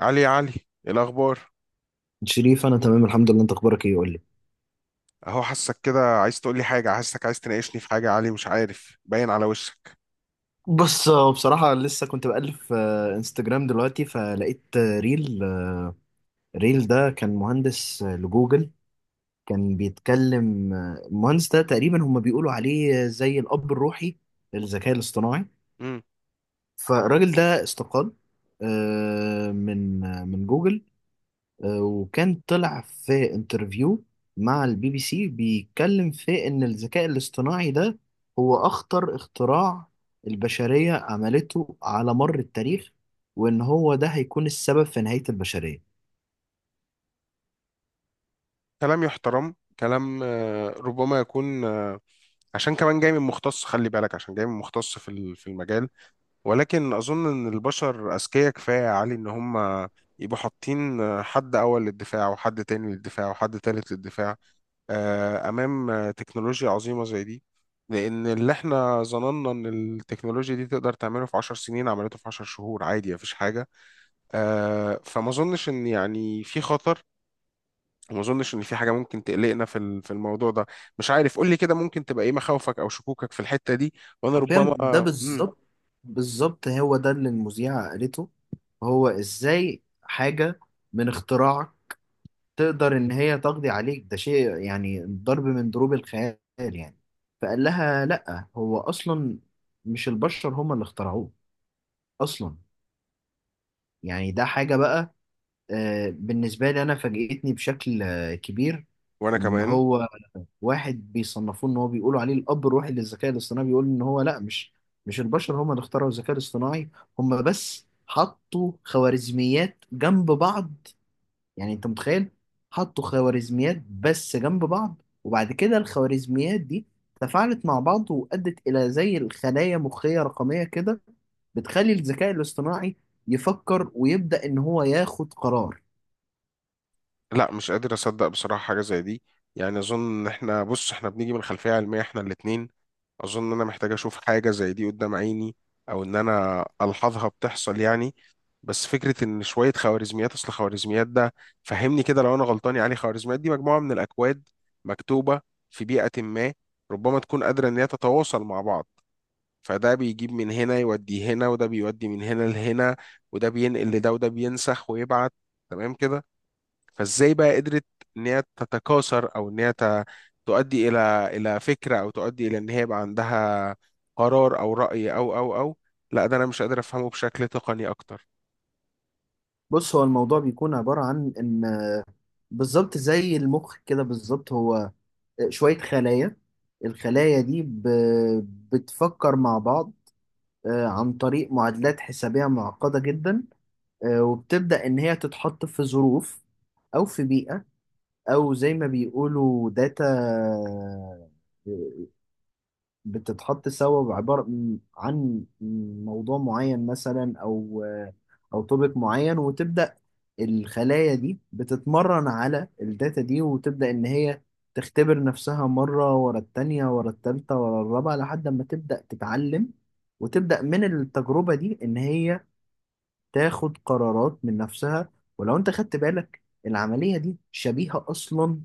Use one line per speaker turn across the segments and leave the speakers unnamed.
علي، يا علي، إيه الاخبار؟
شريف، انا تمام الحمد لله. انت اخبارك ايه؟ قول لي.
اهو، حاسك كده عايز تقول لي حاجه، حاسك عايز تناقشني في حاجه يا علي، مش عارف، باين على وشك.
بص، هو بصراحة لسه كنت بألف انستجرام دلوقتي فلقيت ريل ده كان مهندس لجوجل. كان بيتكلم المهندس ده تقريبا هم بيقولوا عليه زي الأب الروحي للذكاء الاصطناعي.
امم.
فالراجل ده استقال من جوجل. وكان طلع في انترفيو مع البي بي سي، بيتكلم في ان الذكاء الاصطناعي ده هو اخطر اختراع البشرية عملته على مر التاريخ، وان هو ده هيكون السبب في نهاية البشرية.
كلام يحترم. كلام ربما يكون عشان كمان جاي من مختص، خلي بالك، عشان جاي من مختص في المجال. ولكن اظن ان البشر اذكياء كفايه يا علي، ان هم يبقوا حاطين حد اول للدفاع وحد تاني للدفاع وحد تالت للدفاع، امام تكنولوجيا عظيمه زي دي. لان اللي احنا ظننا ان التكنولوجيا دي تقدر تعمله في 10 سنين، عملته في 10 شهور، عادي، مفيش حاجه. فما اظنش ان يعني في خطر، وما اظنش ان في حاجه ممكن تقلقنا في الموضوع ده. مش عارف، قول لي كده، ممكن تبقى ايه مخاوفك او شكوكك في الحته دي، وانا
حرفيا
ربما...
ده
مم.
بالظبط. بالظبط هو ده اللي المذيعة قالته. هو ازاي حاجة من اختراع تقدر ان هي تقضي عليك؟ ده شيء يعني ضرب من ضروب الخيال يعني. فقال لها لا، هو اصلا مش البشر هم اللي اخترعوه اصلا. يعني ده حاجة بقى، بالنسبة لي انا فاجئتني بشكل كبير.
وانا
ان
كمان.
هو واحد بيصنفوه، ان هو بيقولوا عليه الاب الروحي للذكاء الاصطناعي، بيقول ان هو لا، مش البشر هم اللي اخترعوا الذكاء الاصطناعي. هم بس حطوا خوارزميات جنب بعض. يعني انت متخيل؟ حطوا خوارزميات بس جنب بعض، وبعد كده الخوارزميات دي تفاعلت مع بعض وأدت إلى زي الخلايا مخية رقمية كده بتخلي الذكاء الاصطناعي يفكر ويبدأ إن هو ياخد قرار.
لا، مش قادر اصدق بصراحه حاجه زي دي. يعني اظن ان احنا، بص، احنا بنيجي من خلفيه علميه احنا الاتنين. اظن ان انا محتاج اشوف حاجه زي دي قدام عيني، او ان انا الحظها بتحصل يعني. بس فكره ان شويه خوارزميات، اصل خوارزميات ده، فهمني كده لو انا غلطان يا علي، خوارزميات دي مجموعه من الاكواد مكتوبه في بيئه ما، ربما تكون قادره ان هي تتواصل مع بعض. فده بيجيب من هنا يودي هنا، وده بيودي من هنا لهنا، وده بينقل لده، وده بينسخ ويبعت، تمام كده. فازاي بقى قدرت ان هي تتكاثر، او ان هي تؤدي الى فكره، او تؤدي الى ان هي يبقى عندها قرار او راي او... لا، ده انا مش قادر افهمه بشكل تقني اكتر.
بص، هو الموضوع بيكون عبارة عن إن بالظبط زي المخ كده. بالظبط هو شوية خلايا، الخلايا دي بتفكر مع بعض عن طريق معادلات حسابية معقدة جدا. وبتبدأ إن هي تتحط في ظروف، أو في بيئة، أو زي ما بيقولوا داتا، بتتحط سوا بعبارة عن موضوع معين مثلا، أو توبيك معين، وتبدأ الخلايا دي بتتمرن على الداتا دي، وتبدأ إن هي تختبر نفسها مرة ورا التانية ورا التالتة ورا الرابعة لحد ما تبدأ تتعلم. وتبدأ من التجربة دي إن هي تاخد قرارات من نفسها. ولو انت خدت بالك، العملية دي شبيهة اصلا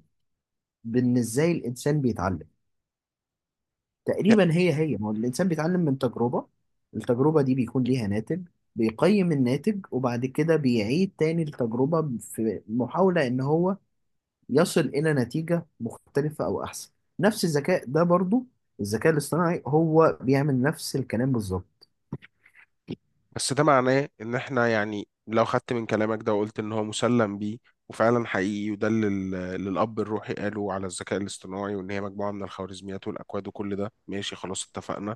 بان ازاي الانسان بيتعلم.
لا،
تقريبا هي هي، ما هو الانسان بيتعلم من تجربة، التجربة دي بيكون ليها ناتج، بيقيم الناتج وبعد كده بيعيد تاني التجربة في محاولة ان هو يصل الى نتيجة مختلفة او احسن. نفس الذكاء ده برضو الذكاء الاصطناعي، هو بيعمل نفس الكلام بالظبط.
بس ده معناه ان احنا يعني لو خدت من كلامك ده وقلت ان هو مسلم بيه وفعلا حقيقي، وده اللي الاب الروحي قاله على الذكاء الاصطناعي، وان هي مجموعه من الخوارزميات والاكواد، وكل ده ماشي، خلاص اتفقنا.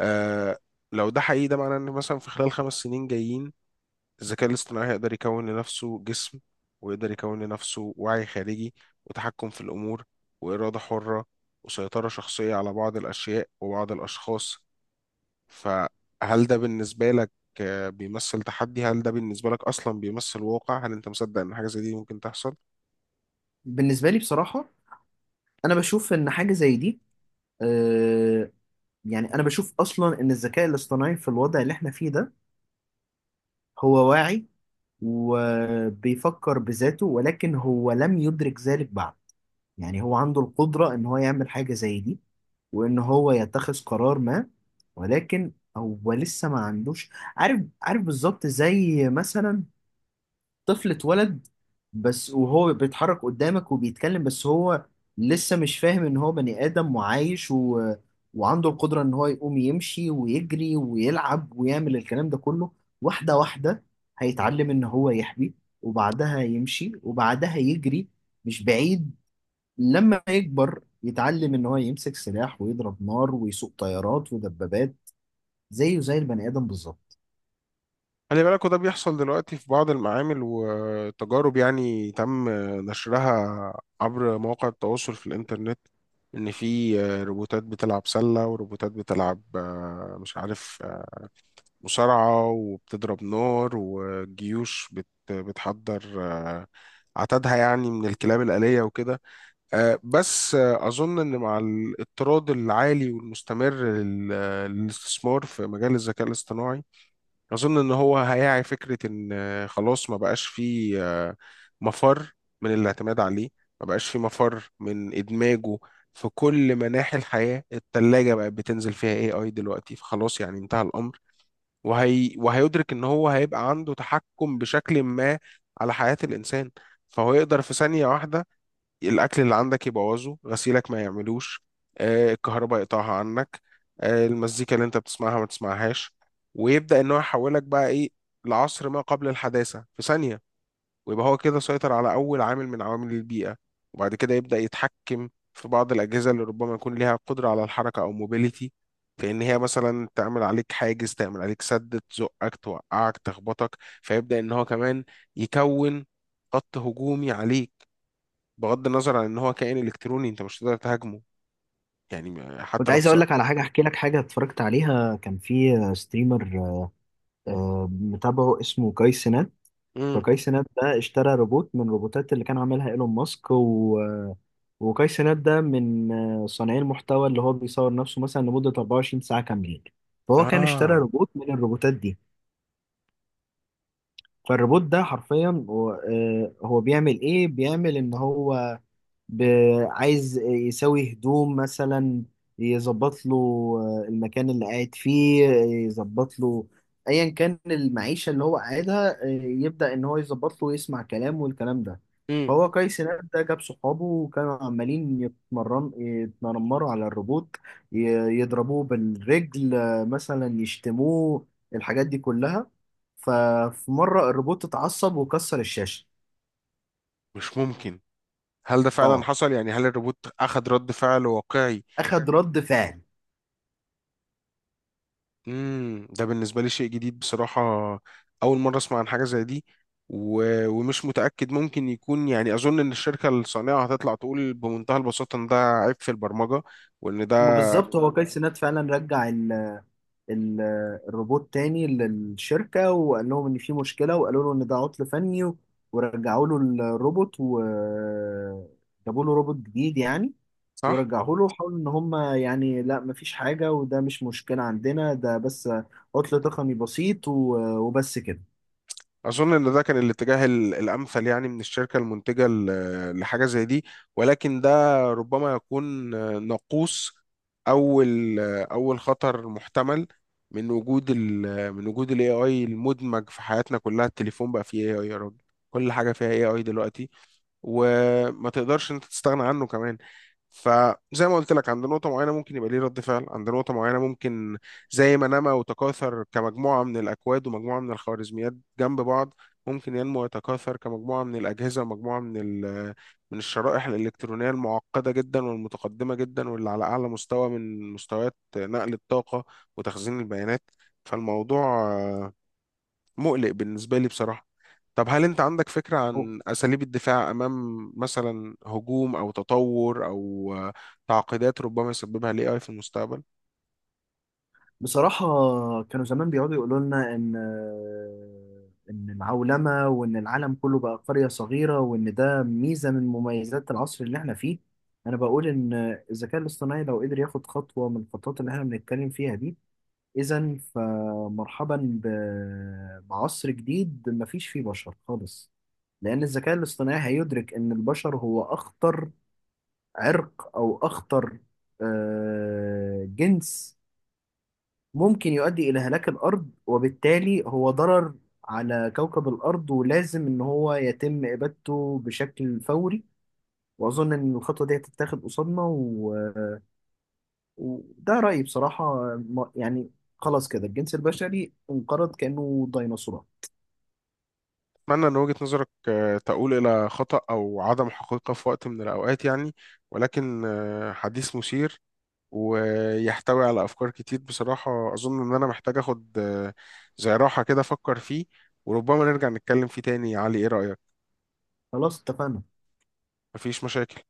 آه. لو ده حقيقي، ده معناه ان مثلا في خلال خمس سنين جايين، الذكاء الاصطناعي هيقدر يكون لنفسه جسم، ويقدر يكون لنفسه وعي خارجي، وتحكم في الأمور، وإرادة حرة، وسيطرة شخصية على بعض الأشياء وبعض الأشخاص. فهل ده بالنسبة لك بيمثل تحدي؟ هل ده بالنسبة لك أصلا بيمثل واقع؟ هل أنت مصدق إن حاجة زي دي ممكن تحصل؟
بالنسبة لي بصراحة، انا بشوف ان حاجة زي دي، آه، يعني انا بشوف اصلا ان الذكاء الاصطناعي في الوضع اللي احنا فيه ده هو واعي وبيفكر بذاته، ولكن هو لم يدرك ذلك بعد. يعني هو عنده القدرة ان هو يعمل حاجة زي دي، وان هو يتخذ قرار ما، ولكن هو لسه ما عندوش. عارف، عارف بالظبط. زي مثلا طفل اتولد بس، وهو بيتحرك قدامك وبيتكلم، بس هو لسه مش فاهم ان هو بني ادم وعايش و... وعنده القدرة ان هو يقوم يمشي ويجري ويلعب ويعمل الكلام ده كله. واحدة واحدة، هيتعلم ان هو يحبي، وبعدها يمشي، وبعدها يجري. مش بعيد لما يكبر يتعلم ان هو يمسك سلاح ويضرب نار ويسوق طيارات ودبابات، زيه زي البني ادم بالظبط.
خلي بالك، وده بيحصل دلوقتي في بعض المعامل وتجارب يعني تم نشرها عبر مواقع التواصل في الإنترنت، إن في روبوتات بتلعب سلة، وروبوتات بتلعب مش عارف مصارعة، وبتضرب نار، وجيوش بتحضر عتادها يعني من الكلاب الآلية وكده. بس أظن إن مع الاضطراد العالي والمستمر للاستثمار في مجال الذكاء الاصطناعي، أظن إن هو هيعي فكرة إن خلاص ما بقاش فيه مفر من الاعتماد عليه، ما بقاش فيه مفر من إدماجه في كل مناحي الحياة. التلاجة بقت بتنزل فيها AI دلوقتي، فخلاص يعني انتهى الأمر. وهيدرك إن هو هيبقى عنده تحكم بشكل ما على حياة الإنسان. فهو يقدر في ثانية واحدة، الاكل اللي عندك يبوظه، غسيلك ما يعملوش، الكهرباء يقطعها عنك، المزيكا اللي انت بتسمعها ما تسمعهاش. ويبدا ان هو يحولك بقى ايه، لعصر ما قبل الحداثه في ثانيه. ويبقى هو كده سيطر على اول عامل من عوامل البيئه، وبعد كده يبدا يتحكم في بعض الاجهزه اللي ربما يكون ليها قدره على الحركه او موبيليتي، في ان هي مثلا تعمل عليك حاجز، تعمل عليك سد، تزقك، توقعك، تخبطك. فيبدا ان هو كمان يكون خط هجومي عليك، بغض النظر عن ان هو كائن الكتروني انت مش هتقدر تهاجمه. يعني
كنت
حتى لو
عايز اقول
فصل.
لك على حاجة، احكي لك حاجة اتفرجت عليها. كان في ستريمر متابعه اسمه كاي سينات.
امم.
فكاي سينات ده اشترى روبوت من الروبوتات اللي كان عاملها ايلون ماسك، و... وكاي سينات ده من صانعي المحتوى اللي هو بيصور نفسه مثلا لمدة 24 ساعة كاملين. فهو كان اشترى
اه.
روبوت من الروبوتات دي. فالروبوت ده حرفيا هو بيعمل ايه؟ بيعمل ان هو عايز يسوي هدوم مثلا، يظبط له المكان اللي قاعد فيه، يظبط له ايا كان المعيشة اللي هو قاعدها، يبدأ ان هو يظبط له ويسمع كلام والكلام ده.
امم.
فهو قيس هناك ده جاب صحابه، وكانوا عمالين يتنمروا على الروبوت، ي- يضربوه بالرجل مثلا، يشتموه، الحاجات دي كلها. ففي مرة الروبوت اتعصب وكسر الشاشة.
مش ممكن! هل ده فعلا
اه،
حصل؟ يعني هل الروبوت اخذ رد فعل واقعي؟
اخد رد فعل.
امم، ده بالنسبه لي شيء جديد بصراحه. اول مره اسمع عن حاجه زي دي. و... ومش متاكد، ممكن يكون يعني اظن ان الشركه الصانعه هتطلع تقول بمنتهى البساطه ان ده عيب في البرمجه، وان ده...
ما بالظبط، هو كايس سينات فعلا رجع ال الروبوت تاني للشركة وقال لهم إن في مشكلة، وقالوا له إن ده عطل فني ورجعوا له الروبوت وجابوا له روبوت جديد يعني.
صح.
ورجعوا له وحاولوا إن هم، يعني لا مفيش حاجة وده مش مشكلة عندنا، ده بس عطل تقني بسيط وبس كده.
أظن إن ده كان الاتجاه الأمثل يعني من الشركة المنتجة لحاجة زي دي. ولكن ده ربما يكون ناقوس، أول أول خطر محتمل من وجود ال AI المدمج في حياتنا كلها. التليفون بقى فيه AI يا راجل، كل حاجة فيها AI دلوقتي، وما تقدرش أنت تستغنى عنه كمان. فزي ما قلت لك، عند نقطة معينة ممكن يبقى ليه رد فعل، عند نقطة معينة ممكن، زي ما نما وتكاثر كمجموعة من الأكواد ومجموعة من الخوارزميات جنب بعض، ممكن ينمو ويتكاثر كمجموعة من الأجهزة ومجموعة من ال- من الشرائح الإلكترونية المعقدة جدا والمتقدمة جدا واللي على أعلى مستوى من مستويات نقل الطاقة وتخزين البيانات. فالموضوع مقلق بالنسبة لي بصراحة. طب هل أنت عندك فكرة عن أساليب الدفاع أمام مثلا هجوم أو تطور أو تعقيدات ربما يسببها ال AI في المستقبل؟
بصراحة، كانوا زمان بيقعدوا يقولوا لنا إن العولمة، وإن العالم كله بقى قرية صغيرة، وإن ده ميزة من مميزات العصر اللي إحنا فيه، أنا بقول إن الذكاء الاصطناعي لو قدر ياخد خطوة من الخطوات اللي إحنا بنتكلم فيها دي، إذا فمرحبا بعصر جديد مفيش فيه بشر خالص، لأن الذكاء الاصطناعي هيدرك إن البشر هو أخطر عرق، أو أخطر جنس، ممكن يؤدي إلى هلاك الأرض، وبالتالي هو ضرر على كوكب الأرض، ولازم إن هو يتم إبادته بشكل فوري. وأظن إن الخطوة دي هتتاخد قصادنا، و... وده رأيي بصراحة، يعني خلاص كده الجنس البشري انقرض كأنه ديناصورات.
أتمنى إن وجهة نظرك تقول إلى خطأ أو عدم حقيقة في وقت من الأوقات يعني. ولكن حديث مثير ويحتوي على أفكار كتير بصراحة، أظن إن أنا محتاج أخد زي راحة كده أفكر فيه، وربما نرجع نتكلم فيه تاني يا علي، إيه رأيك؟
خلاص اتفقنا.
مفيش مشاكل.